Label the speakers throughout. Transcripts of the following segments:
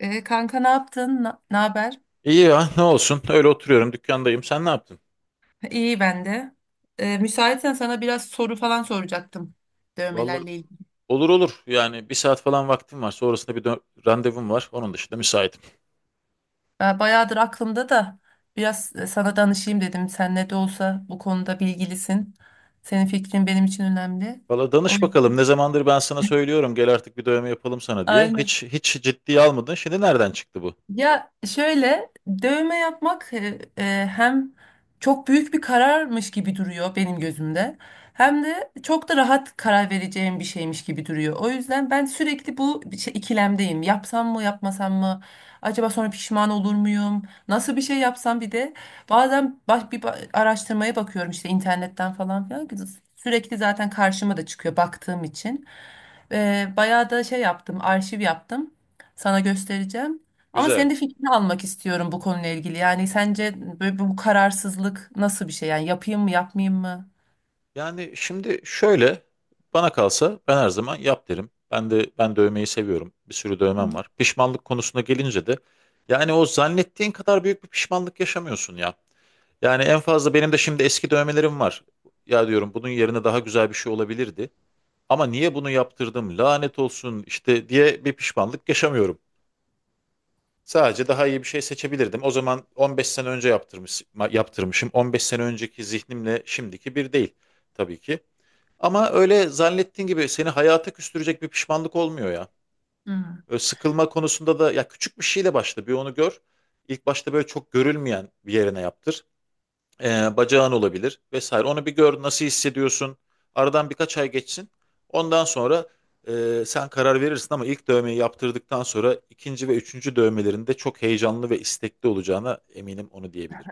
Speaker 1: Kanka, ne yaptın? Ne haber?
Speaker 2: İyi ya, ne olsun, öyle oturuyorum, dükkandayım. Sen ne yaptın?
Speaker 1: İyi ben de. Müsaitsen sana biraz soru falan soracaktım
Speaker 2: Vallahi
Speaker 1: dövmelerle ilgili.
Speaker 2: olur olur, yani bir saat falan vaktim var, sonrasında randevum var, onun dışında müsaitim.
Speaker 1: Ben bayağıdır aklımda da biraz sana danışayım dedim. Sen ne de olsa bu konuda bilgilisin. Senin fikrin benim için önemli.
Speaker 2: Valla
Speaker 1: O,
Speaker 2: danış bakalım, ne zamandır ben sana söylüyorum, gel artık bir dövme yapalım sana diye, hiç hiç ciddiye almadın, şimdi nereden çıktı bu?
Speaker 1: Ya şöyle dövme yapmak hem çok büyük bir kararmış gibi duruyor benim gözümde. Hem de çok da rahat karar vereceğim bir şeymiş gibi duruyor. O yüzden ben sürekli ikilemdeyim. Yapsam mı, yapmasam mı? Acaba sonra pişman olur muyum? Nasıl bir şey yapsam bir de bazen araştırmaya bakıyorum işte internetten falan filan. Sürekli zaten karşıma da çıkıyor baktığım için. Bayağı da şey yaptım, arşiv yaptım. Sana göstereceğim. Ama senin
Speaker 2: Güzel.
Speaker 1: de fikrini almak istiyorum bu konuyla ilgili. Yani sence böyle bu kararsızlık nasıl bir şey? Yani yapayım mı, yapmayayım mı?
Speaker 2: Yani şimdi şöyle, bana kalsa ben her zaman yap derim. Ben de, ben dövmeyi seviyorum, bir sürü
Speaker 1: Hı
Speaker 2: dövmem
Speaker 1: hı.
Speaker 2: var. Pişmanlık konusuna gelince de yani o zannettiğin kadar büyük bir pişmanlık yaşamıyorsun ya. Yani en fazla benim de şimdi eski dövmelerim var. Ya diyorum bunun yerine daha güzel bir şey olabilirdi. Ama niye bunu yaptırdım, lanet olsun işte diye bir pişmanlık yaşamıyorum. Sadece daha iyi bir şey seçebilirdim. O zaman 15 sene önce yaptırmışım. 15 sene önceki zihnimle şimdiki bir değil tabii ki. Ama öyle zannettiğin gibi seni hayata küstürecek bir pişmanlık olmuyor ya.
Speaker 1: Hmm.
Speaker 2: Öyle sıkılma konusunda da, ya küçük bir şeyle başla, bir onu gör. İlk başta böyle çok görülmeyen bir yerine yaptır. Bacağın olabilir vesaire. Onu bir gör, nasıl hissediyorsun. Aradan birkaç ay geçsin. Ondan sonra sen karar verirsin. Ama ilk dövmeyi yaptırdıktan sonra ikinci ve üçüncü dövmelerinde çok heyecanlı ve istekli olacağına eminim, onu diyebilirim.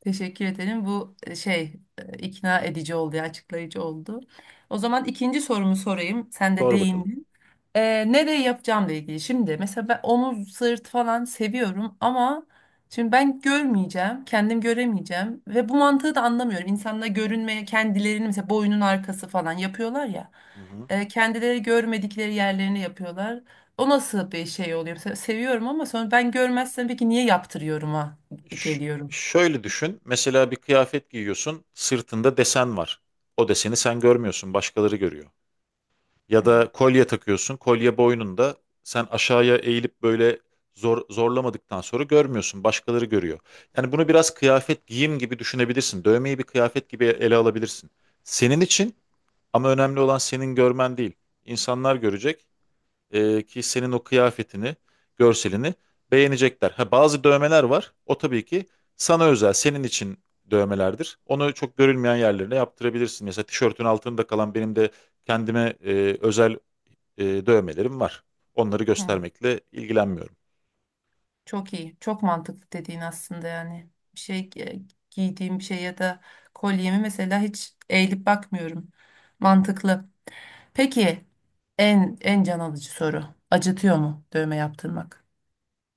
Speaker 1: Teşekkür ederim. Bu ikna edici oldu, ya, açıklayıcı oldu. O zaman ikinci sorumu sorayım. Sen de
Speaker 2: Sonra bakalım.
Speaker 1: değindin. Nereye yapacağımla ilgili. Şimdi mesela ben omuz, sırt falan seviyorum ama şimdi ben görmeyeceğim, kendim göremeyeceğim ve bu mantığı da anlamıyorum. İnsanlar görünmeye kendilerini mesela boynun arkası falan yapıyorlar ya.
Speaker 2: Hı hı.
Speaker 1: Kendileri görmedikleri yerlerini yapıyorlar. O nasıl bir şey oluyor? Mesela seviyorum ama sonra ben görmezsem peki niye yaptırıyorum ha
Speaker 2: Ş-
Speaker 1: geliyorum.
Speaker 2: şöyle düşün. Mesela bir kıyafet giyiyorsun, sırtında desen var. O deseni sen görmüyorsun, başkaları görüyor. Ya da
Speaker 1: Evet.
Speaker 2: kolye takıyorsun, kolye boynunda. Sen aşağıya eğilip böyle zorlamadıktan sonra görmüyorsun, başkaları görüyor. Yani bunu biraz kıyafet, giyim gibi düşünebilirsin. Dövmeyi bir kıyafet gibi ele alabilirsin. Senin için, ama önemli olan senin görmen değil. İnsanlar görecek ki senin o kıyafetini, görselini beğenecekler. Ha, bazı dövmeler var, o tabii ki sana özel, senin için dövmelerdir. Onu çok görülmeyen yerlerine yaptırabilirsin. Mesela tişörtün altında kalan, benim de kendime özel dövmelerim var. Onları
Speaker 1: Hı.
Speaker 2: göstermekle ilgilenmiyorum.
Speaker 1: Çok iyi. Çok mantıklı dediğin aslında yani. Giydiğim bir şey ya da kolyemi mesela hiç eğilip bakmıyorum. Mantıklı. Peki en en can alıcı soru. Acıtıyor mu dövme yaptırmak?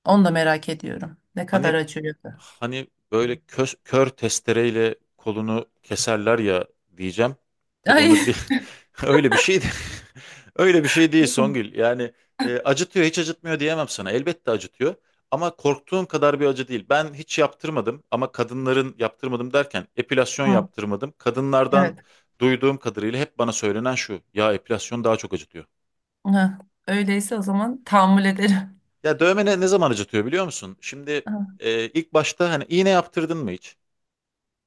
Speaker 1: Onu da merak ediyorum. Ne kadar
Speaker 2: Hani
Speaker 1: acıyor? Da.
Speaker 2: hani böyle kör testereyle kolunu keserler ya diyeceğim. Tabii onu
Speaker 1: Ay.
Speaker 2: bir öyle bir şey de- öyle bir şey değil, Songül. Yani acıtıyor hiç acıtmıyor diyemem sana. Elbette acıtıyor. Ama korktuğum kadar bir acı değil. Ben hiç yaptırmadım, ama kadınların, yaptırmadım derken epilasyon
Speaker 1: Hı,
Speaker 2: yaptırmadım. Kadınlardan
Speaker 1: evet.
Speaker 2: duyduğum kadarıyla hep bana söylenen şu: ya epilasyon daha çok acıtıyor.
Speaker 1: Hı. Öyleyse o zaman tahammül ederim.
Speaker 2: Ya dövme ne zaman acıtıyor biliyor musun? Şimdi
Speaker 1: Hı,
Speaker 2: ilk başta, hani iğne yaptırdın mı hiç?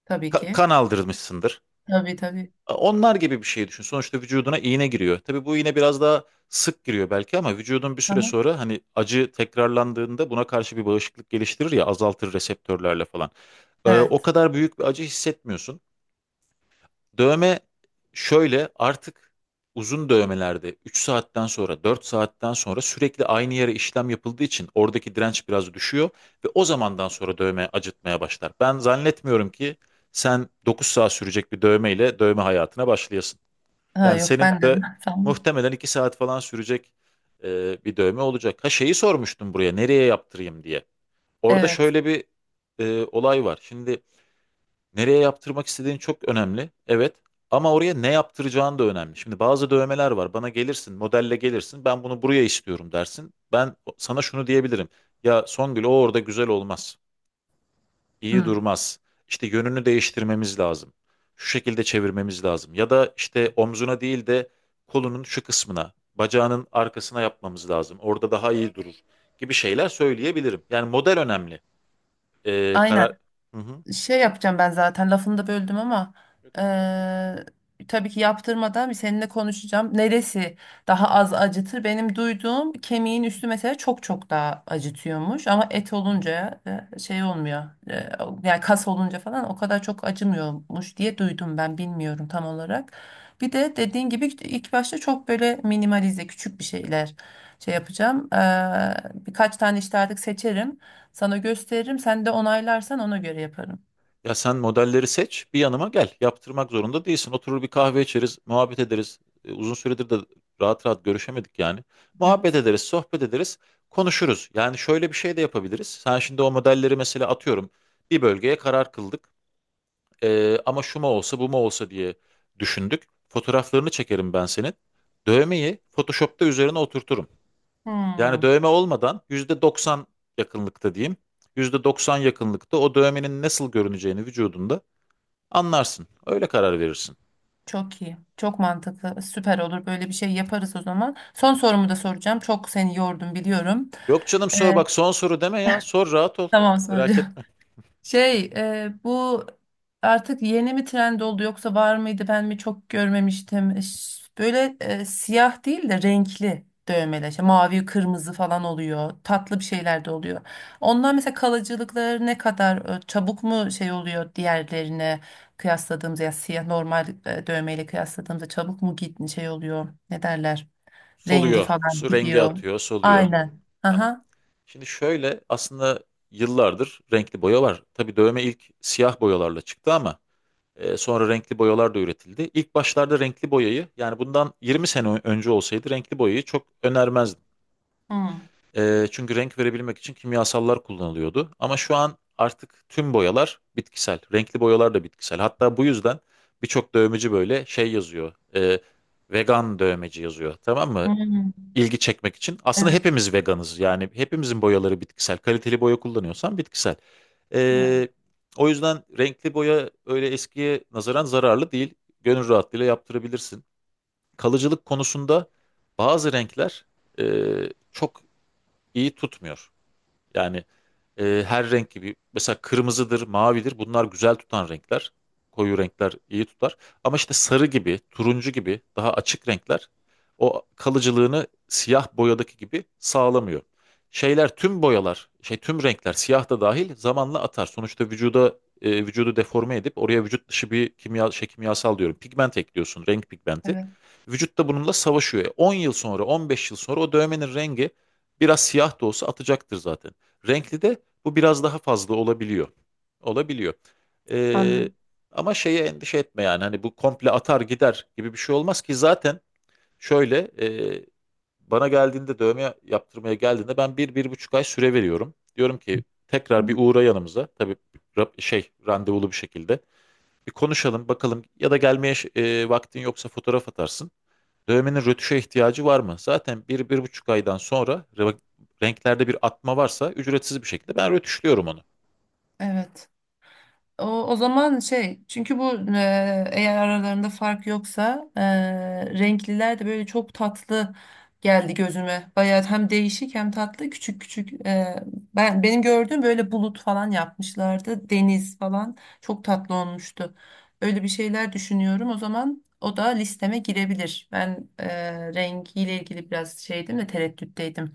Speaker 1: tabii ki.
Speaker 2: Kan aldırmışsındır.
Speaker 1: Tabii tabii.
Speaker 2: Onlar gibi bir şey düşün. Sonuçta vücuduna iğne giriyor. Tabii bu iğne biraz daha sık giriyor belki, ama vücudun bir süre
Speaker 1: Aha,
Speaker 2: sonra, hani acı tekrarlandığında buna karşı bir bağışıklık geliştirir ya, azaltır reseptörlerle falan. O
Speaker 1: evet.
Speaker 2: kadar büyük bir acı hissetmiyorsun. Dövme şöyle, artık uzun dövmelerde 3 saatten sonra, 4 saatten sonra, sürekli aynı yere işlem yapıldığı için oradaki direnç biraz düşüyor ve o zamandan sonra dövme acıtmaya başlar. Ben zannetmiyorum ki sen 9 saat sürecek bir dövmeyle dövme hayatına başlayasın.
Speaker 1: Ha,
Speaker 2: Yani
Speaker 1: yok
Speaker 2: senin
Speaker 1: ben de.
Speaker 2: de
Speaker 1: Tamam.
Speaker 2: muhtemelen 2 saat falan sürecek bir dövme olacak. Ha, şeyi sormuştum, buraya nereye yaptırayım diye. Orada
Speaker 1: Evet.
Speaker 2: şöyle bir olay var. Şimdi, nereye yaptırmak istediğin çok önemli, evet. Ama oraya ne yaptıracağın da önemli. Şimdi bazı dövmeler var. Bana gelirsin, modelle gelirsin, ben bunu buraya istiyorum dersin. Ben sana şunu diyebilirim: ya Songül, o orada güzel olmaz, İyi
Speaker 1: Hı.
Speaker 2: durmaz. İşte yönünü değiştirmemiz lazım, şu şekilde çevirmemiz lazım. Ya da işte omzuna değil de kolunun şu kısmına, bacağının arkasına yapmamız lazım, orada daha iyi durur gibi şeyler söyleyebilirim. Yani model önemli.
Speaker 1: Aynen.
Speaker 2: Karar... Hı hı.
Speaker 1: Şey yapacağım, ben zaten lafını da böldüm ama
Speaker 2: Yok, estağfurullah.
Speaker 1: eee, tabii ki yaptırmadan bir seninle konuşacağım. Neresi daha az acıtır? Benim duyduğum kemiğin üstü mesela çok çok daha acıtıyormuş ama et olunca şey olmuyor. Yani kas olunca falan o kadar çok acımıyormuş diye duydum, ben bilmiyorum tam olarak. Bir de dediğin gibi ilk başta çok böyle minimalize küçük bir şeyler şey yapacağım. Birkaç tane işte artık seçerim. Sana gösteririm. Sen de onaylarsan ona göre yaparım.
Speaker 2: Ya sen modelleri seç, bir yanıma gel. Yaptırmak zorunda değilsin. Oturur bir kahve içeriz, muhabbet ederiz. E, uzun süredir de rahat rahat görüşemedik yani. Muhabbet
Speaker 1: Evet.
Speaker 2: ederiz, sohbet ederiz, konuşuruz. Yani şöyle bir şey de yapabiliriz. Sen şimdi o modelleri, mesela atıyorum, bir bölgeye karar kıldık. E, ama şu mu olsa, bu mu olsa diye düşündük. Fotoğraflarını çekerim ben senin, dövmeyi Photoshop'ta üzerine oturturum. Yani
Speaker 1: Hmm,
Speaker 2: dövme olmadan %90 yakınlıkta diyeyim. %90 yakınlıkta o dövmenin nasıl görüneceğini vücudunda anlarsın. Öyle karar verirsin.
Speaker 1: çok iyi. Çok mantıklı. Süper olur. Böyle bir şey yaparız o zaman. Son sorumu da soracağım. Çok seni yordum biliyorum.
Speaker 2: Yok canım,
Speaker 1: Ee,
Speaker 2: sor. Bak, son soru deme ya, sor, rahat ol.
Speaker 1: tamam sonra.
Speaker 2: Merak etme.
Speaker 1: Şey, bu artık yeni mi trend oldu yoksa var mıydı ben mi çok görmemiştim. Böyle siyah değil de renkli dövmeler. İşte mavi, kırmızı falan oluyor. Tatlı bir şeyler de oluyor. Onlar mesela kalıcılıkları ne kadar çabuk mu şey oluyor diğerlerine kıyasladığımızda, ya siyah normal dövmeyle kıyasladığımızda çabuk mu git şey oluyor. Ne derler? Rengi
Speaker 2: Soluyor,
Speaker 1: falan
Speaker 2: su rengi
Speaker 1: gidiyor.
Speaker 2: atıyor, soluyor.
Speaker 1: Aynen.
Speaker 2: Tamam.
Speaker 1: Aha.
Speaker 2: Şimdi şöyle, aslında yıllardır renkli boya var. Tabii dövme ilk siyah boyalarla çıktı, ama sonra renkli boyalar da üretildi. İlk başlarda renkli boyayı, yani bundan 20 sene önce olsaydı, renkli boyayı çok önermezdim.
Speaker 1: Hmm.
Speaker 2: Çünkü renk verebilmek için kimyasallar kullanılıyordu. Ama şu an artık tüm boyalar bitkisel, renkli boyalar da bitkisel. Hatta bu yüzden birçok dövmeci böyle şey yazıyor, vegan dövmeci yazıyor. Tamam mı?
Speaker 1: Hmm.
Speaker 2: İlgi çekmek için. Aslında
Speaker 1: Evet.
Speaker 2: hepimiz veganız. Yani hepimizin boyaları bitkisel. Kaliteli boya kullanıyorsan bitkisel.
Speaker 1: Yani
Speaker 2: Ee, O yüzden renkli boya öyle eskiye nazaran zararlı değil, gönül rahatlığıyla yaptırabilirsin. Kalıcılık konusunda bazı renkler e, çok iyi tutmuyor. Yani her renk gibi, mesela kırmızıdır, mavidir, bunlar güzel tutan renkler. Koyu renkler iyi tutar. Ama işte sarı gibi, turuncu gibi daha açık renkler o kalıcılığını siyah boyadaki gibi sağlamıyor. Şeyler, tüm boyalar, şey, tüm renkler, siyah da dahil, zamanla atar. Sonuçta vücuda, vücudu deforme edip oraya vücut dışı bir kimya, şey, kimyasal diyorum, pigment ekliyorsun, renk pigmenti.
Speaker 1: evet.
Speaker 2: Vücut da bununla savaşıyor. E, 10 yıl sonra, 15 yıl sonra o dövmenin rengi biraz, siyah da olsa atacaktır zaten. Renkli de bu biraz daha fazla olabiliyor. Olabiliyor. Ee,
Speaker 1: Anladım.
Speaker 2: Ama şeye endişe etme, yani hani bu komple atar gider gibi bir şey olmaz ki zaten. Şöyle, e, bana geldiğinde, dövme yaptırmaya geldiğinde ben bir, bir buçuk ay süre veriyorum. Diyorum ki
Speaker 1: Hı
Speaker 2: tekrar bir
Speaker 1: hı.
Speaker 2: uğra yanımıza, tabii şey, randevulu bir şekilde bir konuşalım bakalım. Ya da gelmeye vaktin yoksa fotoğraf atarsın, dövmenin rötuşa ihtiyacı var mı? Zaten bir, bir buçuk aydan sonra renklerde bir atma varsa ücretsiz bir şekilde ben rötuşluyorum onu.
Speaker 1: Evet. O, o zaman şey, çünkü bu eğer aralarında fark yoksa renkliler de böyle çok tatlı geldi gözüme. Bayağı hem değişik hem tatlı, küçük küçük. Ben benim gördüğüm böyle bulut falan yapmışlardı. Deniz falan çok tatlı olmuştu. Öyle bir şeyler düşünüyorum. O zaman o da listeme girebilir. Ben rengiyle ilgili biraz şeydim de, tereddütteydim.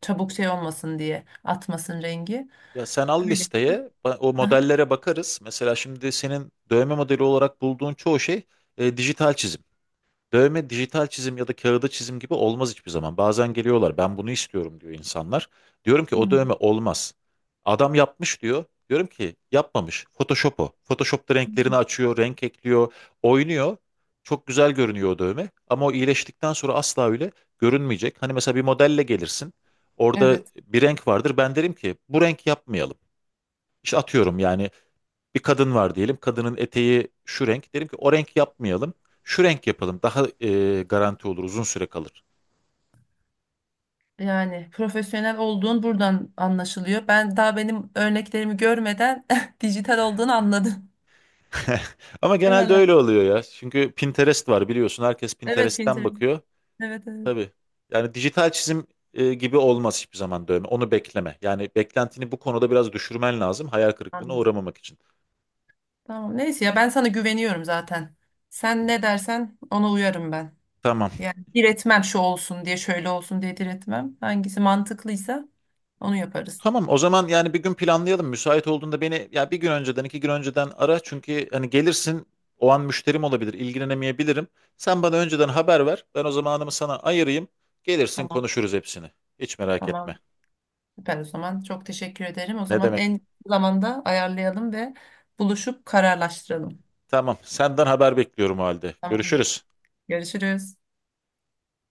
Speaker 1: Çabuk şey olmasın diye, atmasın rengi.
Speaker 2: Ya sen al
Speaker 1: Öyle.
Speaker 2: listeye, o
Speaker 1: Aha.
Speaker 2: modellere bakarız. Mesela şimdi senin dövme modeli olarak bulduğun çoğu şey dijital çizim. Dövme, dijital çizim ya da kağıda çizim gibi olmaz hiçbir zaman. Bazen geliyorlar, ben bunu istiyorum diyor insanlar. Diyorum ki o dövme olmaz. Adam yapmış diyor. Diyorum ki yapmamış, Photoshop o. Photoshop'ta
Speaker 1: Hı.
Speaker 2: renklerini açıyor, renk ekliyor, oynuyor. Çok güzel görünüyor o dövme. Ama o iyileştikten sonra asla öyle görünmeyecek. Hani mesela bir modelle gelirsin, orada
Speaker 1: Evet.
Speaker 2: bir renk vardır. Ben derim ki bu renk yapmayalım. İşte atıyorum, yani bir kadın var diyelim, kadının eteği şu renk. Derim ki o renk yapmayalım, şu renk yapalım. Daha garanti olur, uzun süre kalır.
Speaker 1: Yani profesyonel olduğun buradan anlaşılıyor. Ben daha benim örneklerimi görmeden dijital olduğunu anladım.
Speaker 2: Ama
Speaker 1: Değil mi
Speaker 2: genelde
Speaker 1: lan?
Speaker 2: öyle oluyor ya. Çünkü Pinterest var, biliyorsun. Herkes
Speaker 1: Evet,
Speaker 2: Pinterest'ten
Speaker 1: Pinterest.
Speaker 2: bakıyor.
Speaker 1: Evet evet.
Speaker 2: Tabii. Yani dijital çizim gibi olmaz hiçbir zaman dövme. Onu bekleme. Yani beklentini bu konuda biraz düşürmen lazım, hayal kırıklığına
Speaker 1: Anladım.
Speaker 2: uğramamak için.
Speaker 1: Tamam neyse ya, ben sana güveniyorum zaten. Sen ne dersen ona uyarım ben.
Speaker 2: Tamam.
Speaker 1: Yani diretmem, şu olsun diye şöyle olsun diye diretmem. Hangisi mantıklıysa onu yaparız.
Speaker 2: Tamam, o zaman yani bir gün planlayalım. Müsait olduğunda beni ya bir gün önceden, 2 gün önceden ara. Çünkü hani gelirsin, o an müşterim olabilir, ilgilenemeyebilirim. Sen bana önceden haber ver, ben o zamanımı sana ayırayım. Gelirsin,
Speaker 1: Tamam.
Speaker 2: konuşuruz hepsini. Hiç merak etme.
Speaker 1: Tamam. Süper o zaman. Çok teşekkür ederim. O
Speaker 2: Ne
Speaker 1: zaman
Speaker 2: demek?
Speaker 1: en kısa zamanda ayarlayalım ve buluşup kararlaştıralım.
Speaker 2: Tamam, senden haber bekliyorum o halde.
Speaker 1: Tamamdır.
Speaker 2: Görüşürüz.
Speaker 1: Görüşürüz.